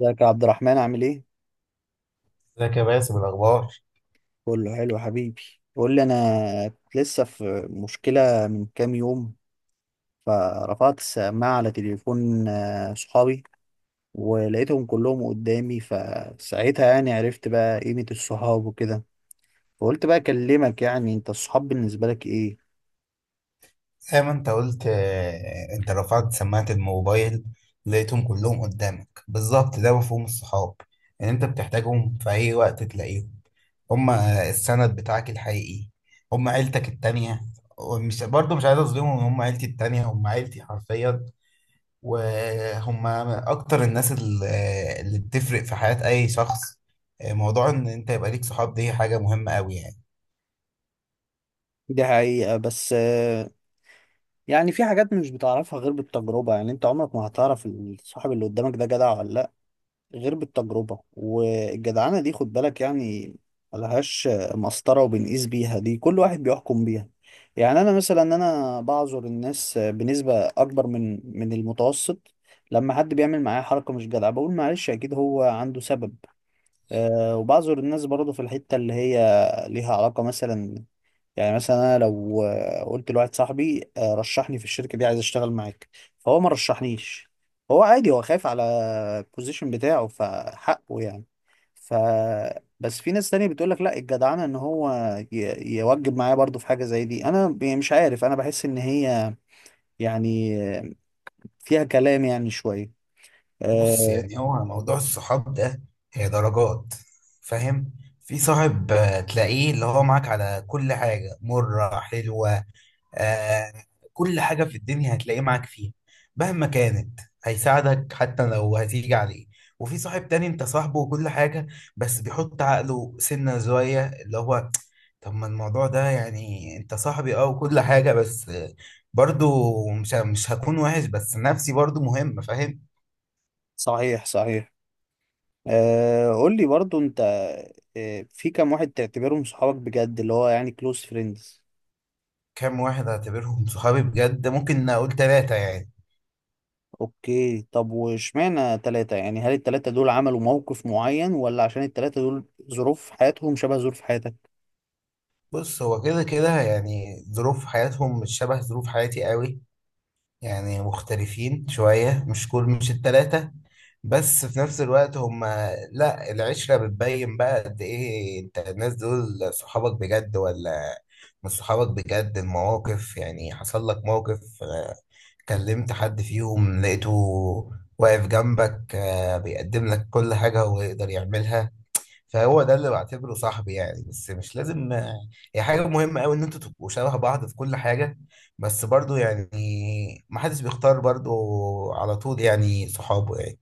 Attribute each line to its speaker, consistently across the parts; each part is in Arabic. Speaker 1: ازيك يا عبد الرحمن عامل ايه؟
Speaker 2: ازيك يا باسم، الأخبار؟
Speaker 1: كله حلو حبيبي. قول لي انا كنت لسه في مشكلة من كام يوم، فرفعت السماعة على تليفون صحابي ولقيتهم كلهم قدامي، فساعتها يعني عرفت بقى قيمة الصحاب وكده. فقلت بقى اكلمك، يعني انت الصحاب بالنسبة لك ايه؟
Speaker 2: زي ما أنت قلت أنت رفعت سماعة الموبايل، لقيتهم كلهم قدامك بالظبط. ده مفهوم الصحاب، إن أنت بتحتاجهم في أي وقت تلاقيهم. هما السند بتاعك الحقيقي، هما عيلتك التانية. ومش برضه مش عايز أظلمهم، هما عيلتي التانية، هما عيلتي حرفيا. وهما أكتر الناس اللي بتفرق في حياة أي شخص. موضوع إن أنت يبقى ليك صحاب دي حاجة مهمة أوي يعني.
Speaker 1: دي حقيقة، بس يعني في حاجات مش بتعرفها غير بالتجربة، يعني انت عمرك ما هتعرف الصاحب اللي قدامك ده جدع ولا، غير بالتجربة. والجدعنة دي خد بالك يعني، ملهاش مسطرة وبنقيس بيها، دي كل واحد بيحكم بيها. يعني أنا مثلا أنا بعذر الناس بنسبة أكبر من المتوسط، لما حد بيعمل معايا حركة مش جدعة بقول معلش أكيد هو عنده سبب. أه، وبعذر الناس برضه في الحتة اللي هي ليها علاقة. مثلا يعني مثلا انا لو قلت لواحد صاحبي رشحني في الشركه دي عايز اشتغل معاك، فهو ما رشحنيش، هو عادي هو خايف على البوزيشن بتاعه فحقه يعني. ف بس في ناس تانية بتقول لك لا، الجدعنه ان هو يوجب معايا برضو في حاجه زي دي. انا يعني مش عارف، انا بحس ان هي يعني فيها كلام يعني شويه.
Speaker 2: بص،
Speaker 1: آه،
Speaker 2: يعني هو موضوع الصحاب ده هي درجات، فاهم. في صاحب تلاقيه اللي هو معاك على كل حاجة، مرة حلوة، آه كل حاجة في الدنيا هتلاقيه معاك فيها، مهما كانت هيساعدك حتى لو هتيجي عليه. وفي صاحب تاني انت صاحبه وكل حاجة، بس بيحط عقله سنة زوايا اللي هو طب ما الموضوع ده، يعني انت صاحبي اه وكل حاجة، بس برضو مش هكون وحش، بس نفسي برضو مهمة، فاهم.
Speaker 1: صحيح صحيح. قول لي برضو انت، في كام واحد تعتبرهم صحابك بجد اللي هو يعني كلوز فريندز؟
Speaker 2: كام واحد اعتبرهم صحابي بجد؟ ممكن اقول ثلاثة يعني.
Speaker 1: اوكي، طب واشمعنى ثلاثة يعني؟ هل الثلاثة دول عملوا موقف معين، ولا عشان الثلاثة دول ظروف حياتهم شبه ظروف حياتك؟
Speaker 2: بص هو كده كده يعني ظروف حياتهم مش شبه ظروف حياتي قوي، يعني مختلفين شوية، مش كل، مش التلاتة. بس في نفس الوقت هما، لا، العشرة بتبين بقى قد ايه انت الناس دول صحابك بجد ولا مش صحابك بجد. المواقف يعني، حصل لك موقف، كلمت حد فيهم، لقيته واقف جنبك، بيقدم لك كل حاجة هو يقدر يعملها، فهو ده اللي بعتبره صاحبي يعني. بس مش لازم هي حاجة مهمة قوي ان انتوا تبقوا شبه بعض في كل حاجة، بس برضو يعني ما حدش بيختار برضو على طول يعني صحابه يعني.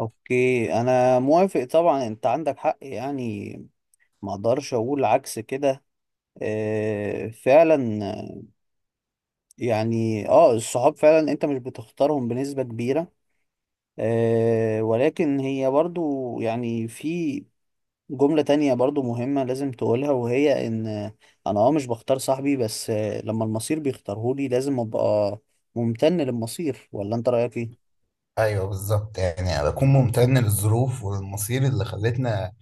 Speaker 1: اوكي، انا موافق طبعا، انت عندك حق يعني، ما اقدرش اقول عكس كده. آه فعلا. يعني اه الصحاب فعلا انت مش بتختارهم بنسبة كبيرة. آه، ولكن هي برضو يعني في جملة تانية برضو مهمة لازم تقولها، وهي إن أنا أه مش بختار صاحبي، بس لما المصير بيختارهولي لازم أبقى ممتن للمصير. ولا أنت رأيك إيه؟
Speaker 2: ايوه بالظبط، يعني أنا بكون ممتن للظروف والمصير اللي خلتنا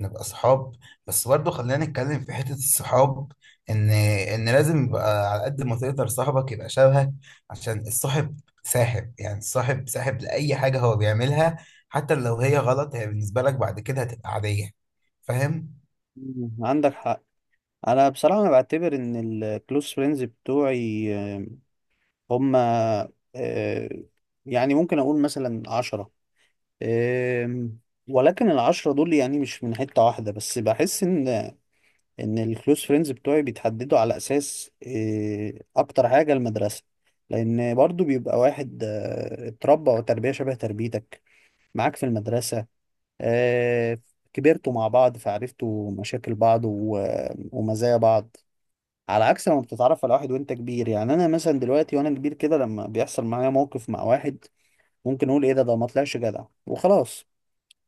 Speaker 2: نبقى صحاب. بس برضه خلينا نتكلم في حتة الصحاب، ان ان لازم يبقى على قد ما تقدر صاحبك يبقى شبهك، عشان الصاحب ساحب يعني، الصاحب ساحب لأي حاجة هو بيعملها، حتى لو هي غلط، هي بالنسبة لك بعد كده هتبقى عادية، فاهم؟
Speaker 1: مم، عندك حق. أنا بصراحة أنا بعتبر إن الكلوز فريندز بتوعي هم يعني ممكن أقول مثلا عشرة. آم، ولكن العشرة دول يعني مش من حتة واحدة بس، بحس إن الكلوز فريندز بتوعي بيتحددوا على اساس إيه، اكتر حاجه المدرسه. لان برضو بيبقى واحد اتربى وتربيه شبه تربيتك معاك في المدرسه. آه، كبرتوا مع بعض فعرفتوا مشاكل بعض ومزايا بعض. على عكس لما بتتعرف على واحد وانت كبير، يعني انا مثلا دلوقتي وانا كبير كده، لما بيحصل معايا موقف مع واحد ممكن اقول ايه ده، ما طلعش جدع وخلاص.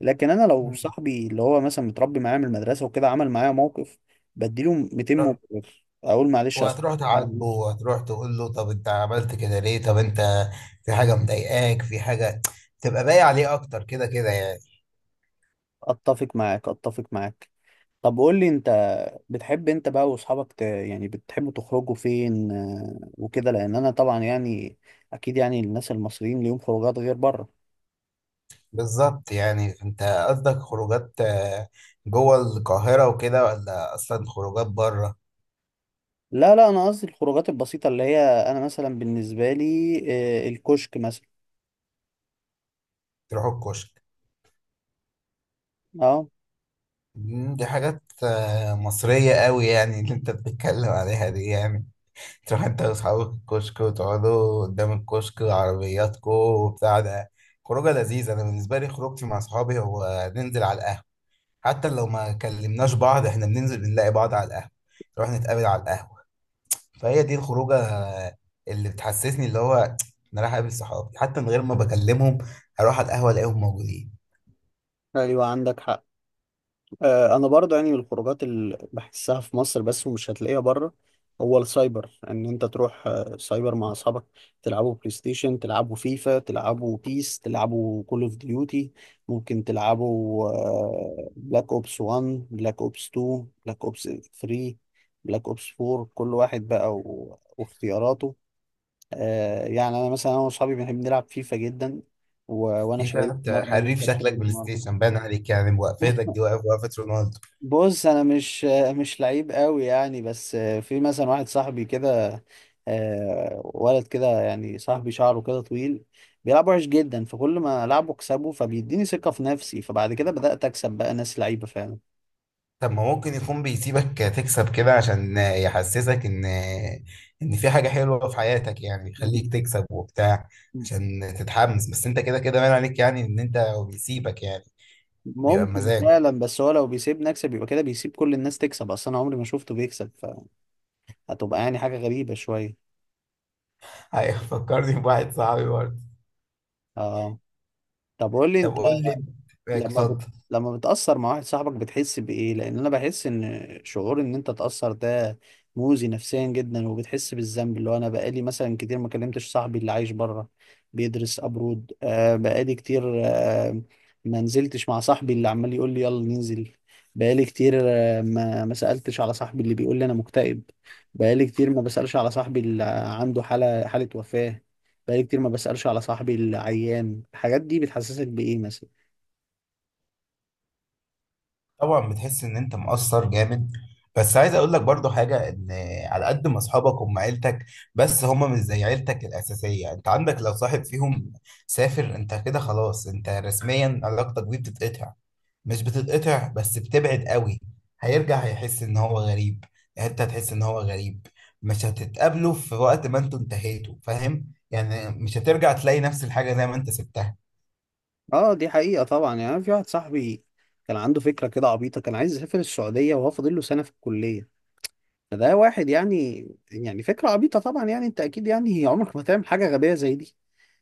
Speaker 1: لكن انا لو
Speaker 2: مم.
Speaker 1: صاحبي اللي هو مثلا متربي معايا من المدرسه وكده عمل معايا موقف، بديله 200
Speaker 2: ر-
Speaker 1: مبرر اقول معلش اصلا.
Speaker 2: وهتروح تعاتبه وهتروح تقول له طب انت عملت كده ليه؟ طب انت في حاجة مضايقاك، في حاجة، تبقى باقي عليه اكتر كده كده يعني.
Speaker 1: اتفق معاك اتفق معاك. طب قول لي انت، بتحب انت بقى واصحابك يعني بتحبوا تخرجوا فين وكده؟ لان انا طبعا يعني اكيد يعني الناس المصريين ليهم خروجات غير بره.
Speaker 2: بالظبط، يعني انت قصدك خروجات جوه القاهرة وكده، ولا اصلا خروجات بره؟
Speaker 1: لا لا، انا قصدي الخروجات البسيطه اللي هي انا مثلا بالنسبه لي الكشك مثلا.
Speaker 2: تروحوا الكشك.
Speaker 1: اه.
Speaker 2: مم، دي حاجات مصرية قوي يعني اللي انت بتتكلم عليها دي يعني. تروح انت واصحابك الكشك، وتقعدوا قدام الكشك وعربياتكو وبتاع ده، خروجة لذيذة. انا بالنسبة لي خروجتي مع اصحابي هو ننزل على القهوة، حتى لو ما كلمناش بعض احنا بننزل بنلاقي بعض على القهوة، نروح نتقابل على القهوة. فهي دي الخروجه اللي بتحسسني، اللي هو انا رايح اقابل صحابي، حتى من غير ما بكلمهم هروح على القهوه الاقيهم موجودين.
Speaker 1: ايوه عندك حق. انا برضه يعني من الخروجات اللي بحسها في مصر بس ومش هتلاقيها بره، هو السايبر، ان انت تروح سايبر مع اصحابك تلعبوا بلاي ستيشن، تلعبوا فيفا، تلعبوا بيس، تلعبوا كول اوف ديوتي. ممكن تلعبوا بلاك اوبس 1، بلاك اوبس 2، بلاك اوبس 3، بلاك اوبس 4، كل واحد بقى واختياراته. يعني انا مثلا انا واصحابي بنحب نلعب فيفا جدا. وانا
Speaker 2: في، فاهم
Speaker 1: شايل
Speaker 2: أنت
Speaker 1: مره
Speaker 2: حريف،
Speaker 1: وانت
Speaker 2: شكلك
Speaker 1: شايل
Speaker 2: بلاي
Speaker 1: مره.
Speaker 2: ستيشن باين عليك يعني، وقفتك دي واقف وقفه رونالدو.
Speaker 1: بص انا مش لعيب قوي يعني، بس في مثلا واحد صاحبي كده، ولد كده يعني صاحبي شعره كده طويل، بيلعب وحش جدا، فكل ما العبه اكسبه فبيديني ثقة في نفسي، فبعد كده بدأت اكسب بقى ناس لعيبة فعلا.
Speaker 2: طب ما ممكن يكون بيسيبك تكسب كده عشان يحسسك ان ان في حاجه حلوه في حياتك، يعني يخليك تكسب وبتاع، عشان تتحمس. بس انت كده كده باين عليك يعني ان انت، هو بيسيبك يعني. بيبقى
Speaker 1: ممكن
Speaker 2: مزاجه.
Speaker 1: فعلا، بس هو لو بيسيبني اكسب يبقى كده بيسيب كل الناس تكسب، اصلا انا عمري ما شفته بيكسب، فهتبقى يعني حاجة غريبة شوية.
Speaker 2: ايوه، فكرني بواحد صاحبي برضه.
Speaker 1: اه. طب قول لي
Speaker 2: طب
Speaker 1: انت،
Speaker 2: قول لي،
Speaker 1: لما بت...
Speaker 2: اتفضل.
Speaker 1: لما بتأثر مع واحد صاحبك بتحس بإيه؟ لأن أنا بحس إن شعور إن أنت تأثر ده مؤذي نفسيا جدا، وبتحس بالذنب. اللي هو أنا بقالي مثلا كتير ما كلمتش صاحبي اللي عايش بره بيدرس أبرود. آه، بقالي كتير آه ما نزلتش مع صاحبي اللي عمال يقول لي يلا ننزل. بقالي كتير آه ما سألتش على صاحبي اللي بيقول لي أنا مكتئب. بقالي كتير ما بسألش على صاحبي اللي عنده حالة وفاة. بقالي كتير ما بسألش على صاحبي اللي عيان. الحاجات دي بتحسسك بإيه مثلا؟
Speaker 2: طبعا بتحس ان انت مقصر جامد، بس عايز اقول لك برضو حاجه، ان على قد ما اصحابك هم عيلتك، بس هم مش زي عيلتك الاساسيه. انت عندك لو صاحب فيهم سافر، انت كده خلاص انت رسميا علاقتك بيه بتتقطع، مش بتتقطع بس بتبعد قوي. هيرجع هيحس ان هو غريب، انت هتحس ان هو غريب، مش هتتقابلوا في وقت، ما انتوا انتهيتوا، فاهم يعني، مش هترجع تلاقي نفس الحاجه زي ما انت سبتها.
Speaker 1: اه دي حقيقة طبعا. يعني أنا في واحد صاحبي كان عنده فكرة كده عبيطة، كان عايز يسافر السعودية وهو فاضل له سنة في الكلية. فده واحد يعني، يعني فكرة عبيطة طبعا، يعني انت اكيد يعني عمرك ما تعمل حاجة غبية زي دي.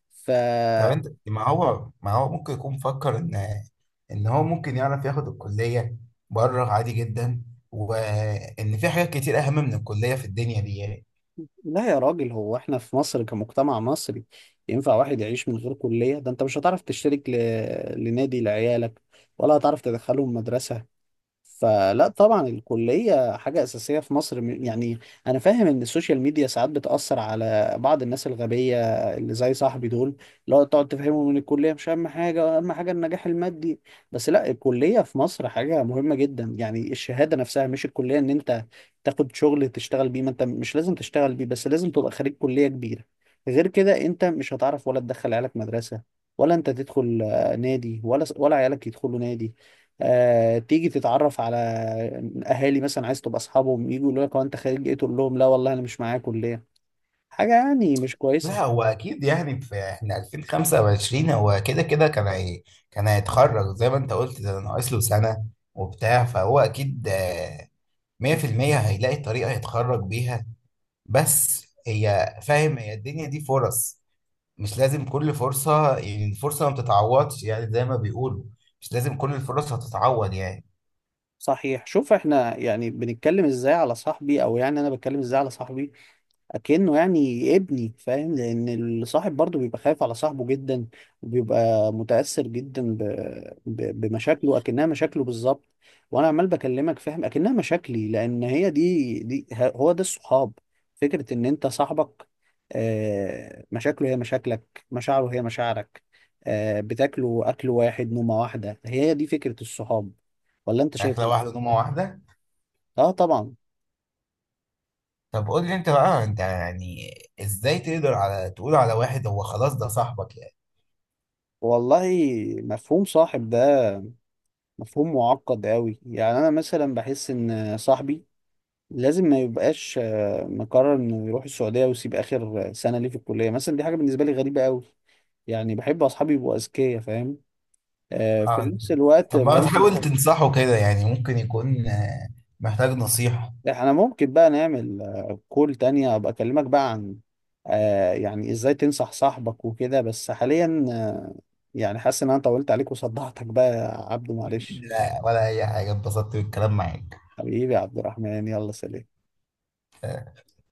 Speaker 1: ف
Speaker 2: طب انت ما هو ممكن يكون فكر ان ان هو ممكن يعرف ياخد الكلية بره عادي جدا، وان في حاجات كتير اهم من الكلية في الدنيا دي يعني.
Speaker 1: لا يا راجل، هو احنا في مصر كمجتمع مصري ينفع واحد يعيش من غير كلية؟ ده انت مش هتعرف تشترك لنادي لعيالك، ولا هتعرف تدخلهم مدرسة. فلا طبعا الكلية حاجة أساسية في مصر، يعني أنا فاهم إن السوشيال ميديا ساعات بتأثر على بعض الناس الغبية اللي زي صاحبي دول، اللي هو تقعد تفهمهم إن الكلية مش أهم حاجة، أهم حاجة النجاح المادي. بس لا، الكلية في مصر حاجة مهمة جدا، يعني الشهادة نفسها مش الكلية، إن أنت تاخد شغل تشتغل بيه، ما أنت مش لازم تشتغل بيه، بس لازم تبقى خريج كلية كبيرة. غير كده أنت مش هتعرف ولا تدخل عيالك مدرسة، ولا أنت تدخل نادي، ولا عيالك يدخلوا نادي. تيجي تتعرف على اهالي مثلا عايز تبقى اصحابهم، يجوا يقولوا لك هو انت خارج ايه، تقول لهم لا والله انا مش معايا كليه، حاجه يعني مش
Speaker 2: لا
Speaker 1: كويسه.
Speaker 2: هو اكيد يعني، في احنا 2025، هو كده كده كان، هي كان هيتخرج زي ما انت قلت ده ناقص له سنة وبتاع، فهو اكيد 100% هيلاقي طريقة يتخرج بيها. بس هي فاهم، هي الدنيا دي فرص، مش لازم كل فرصة، يعني الفرصة ما بتتعوضش يعني زي ما بيقولوا، مش لازم كل الفرص هتتعوض يعني.
Speaker 1: صحيح. شوف احنا يعني بنتكلم ازاي على صاحبي، او يعني انا بتكلم ازاي على صاحبي اكنه يعني ابني، فاهم؟ لان الصاحب برضه بيبقى خايف على صاحبه جدا، وبيبقى متاثر جدا بمشاكله اكنها مشاكله بالظبط. وانا عمال بكلمك فاهم اكنها مشاكلي، لان هي دي هو ده الصحاب، فكره ان انت صاحبك مشاكله هي مشاكلك، مشاعره هي مشاعرك، بتاكلوا اكل واحد نومه واحده. هي دي فكره الصحاب، ولا انت
Speaker 2: عارف
Speaker 1: شايف
Speaker 2: لو
Speaker 1: ايه؟
Speaker 2: واحدة نومة واحدة.
Speaker 1: اه طبعا.
Speaker 2: طب قول لي انت بقى، انت يعني ازاي تقدر على تقول على واحد هو خلاص ده صاحبك يعني؟
Speaker 1: والله مفهوم صاحب ده مفهوم معقد قوي، يعني انا مثلا بحس ان صاحبي لازم ما يبقاش مقرر انه يروح السعوديه ويسيب اخر سنه ليه في الكليه مثلا، دي حاجه بالنسبه لي غريبه قوي. يعني بحب اصحابي يبقوا اذكياء، فاهم؟ في
Speaker 2: اه انت،
Speaker 1: نفس الوقت
Speaker 2: طب ما
Speaker 1: برضه
Speaker 2: تحاول تنصحه كده يعني، ممكن يكون محتاج نصيحة.
Speaker 1: احنا ممكن بقى نعمل كول تانية ابقى اكلمك بقى عن يعني ازاي تنصح صاحبك وكده، بس حاليا يعني حاسس ان انا طولت عليك وصدعتك بقى يا عبدو معلش.
Speaker 2: لا ولا اي حاجة، اتبسطت بالكلام معاك.
Speaker 1: حبيبي يا عبد الرحمن، يلا سلام.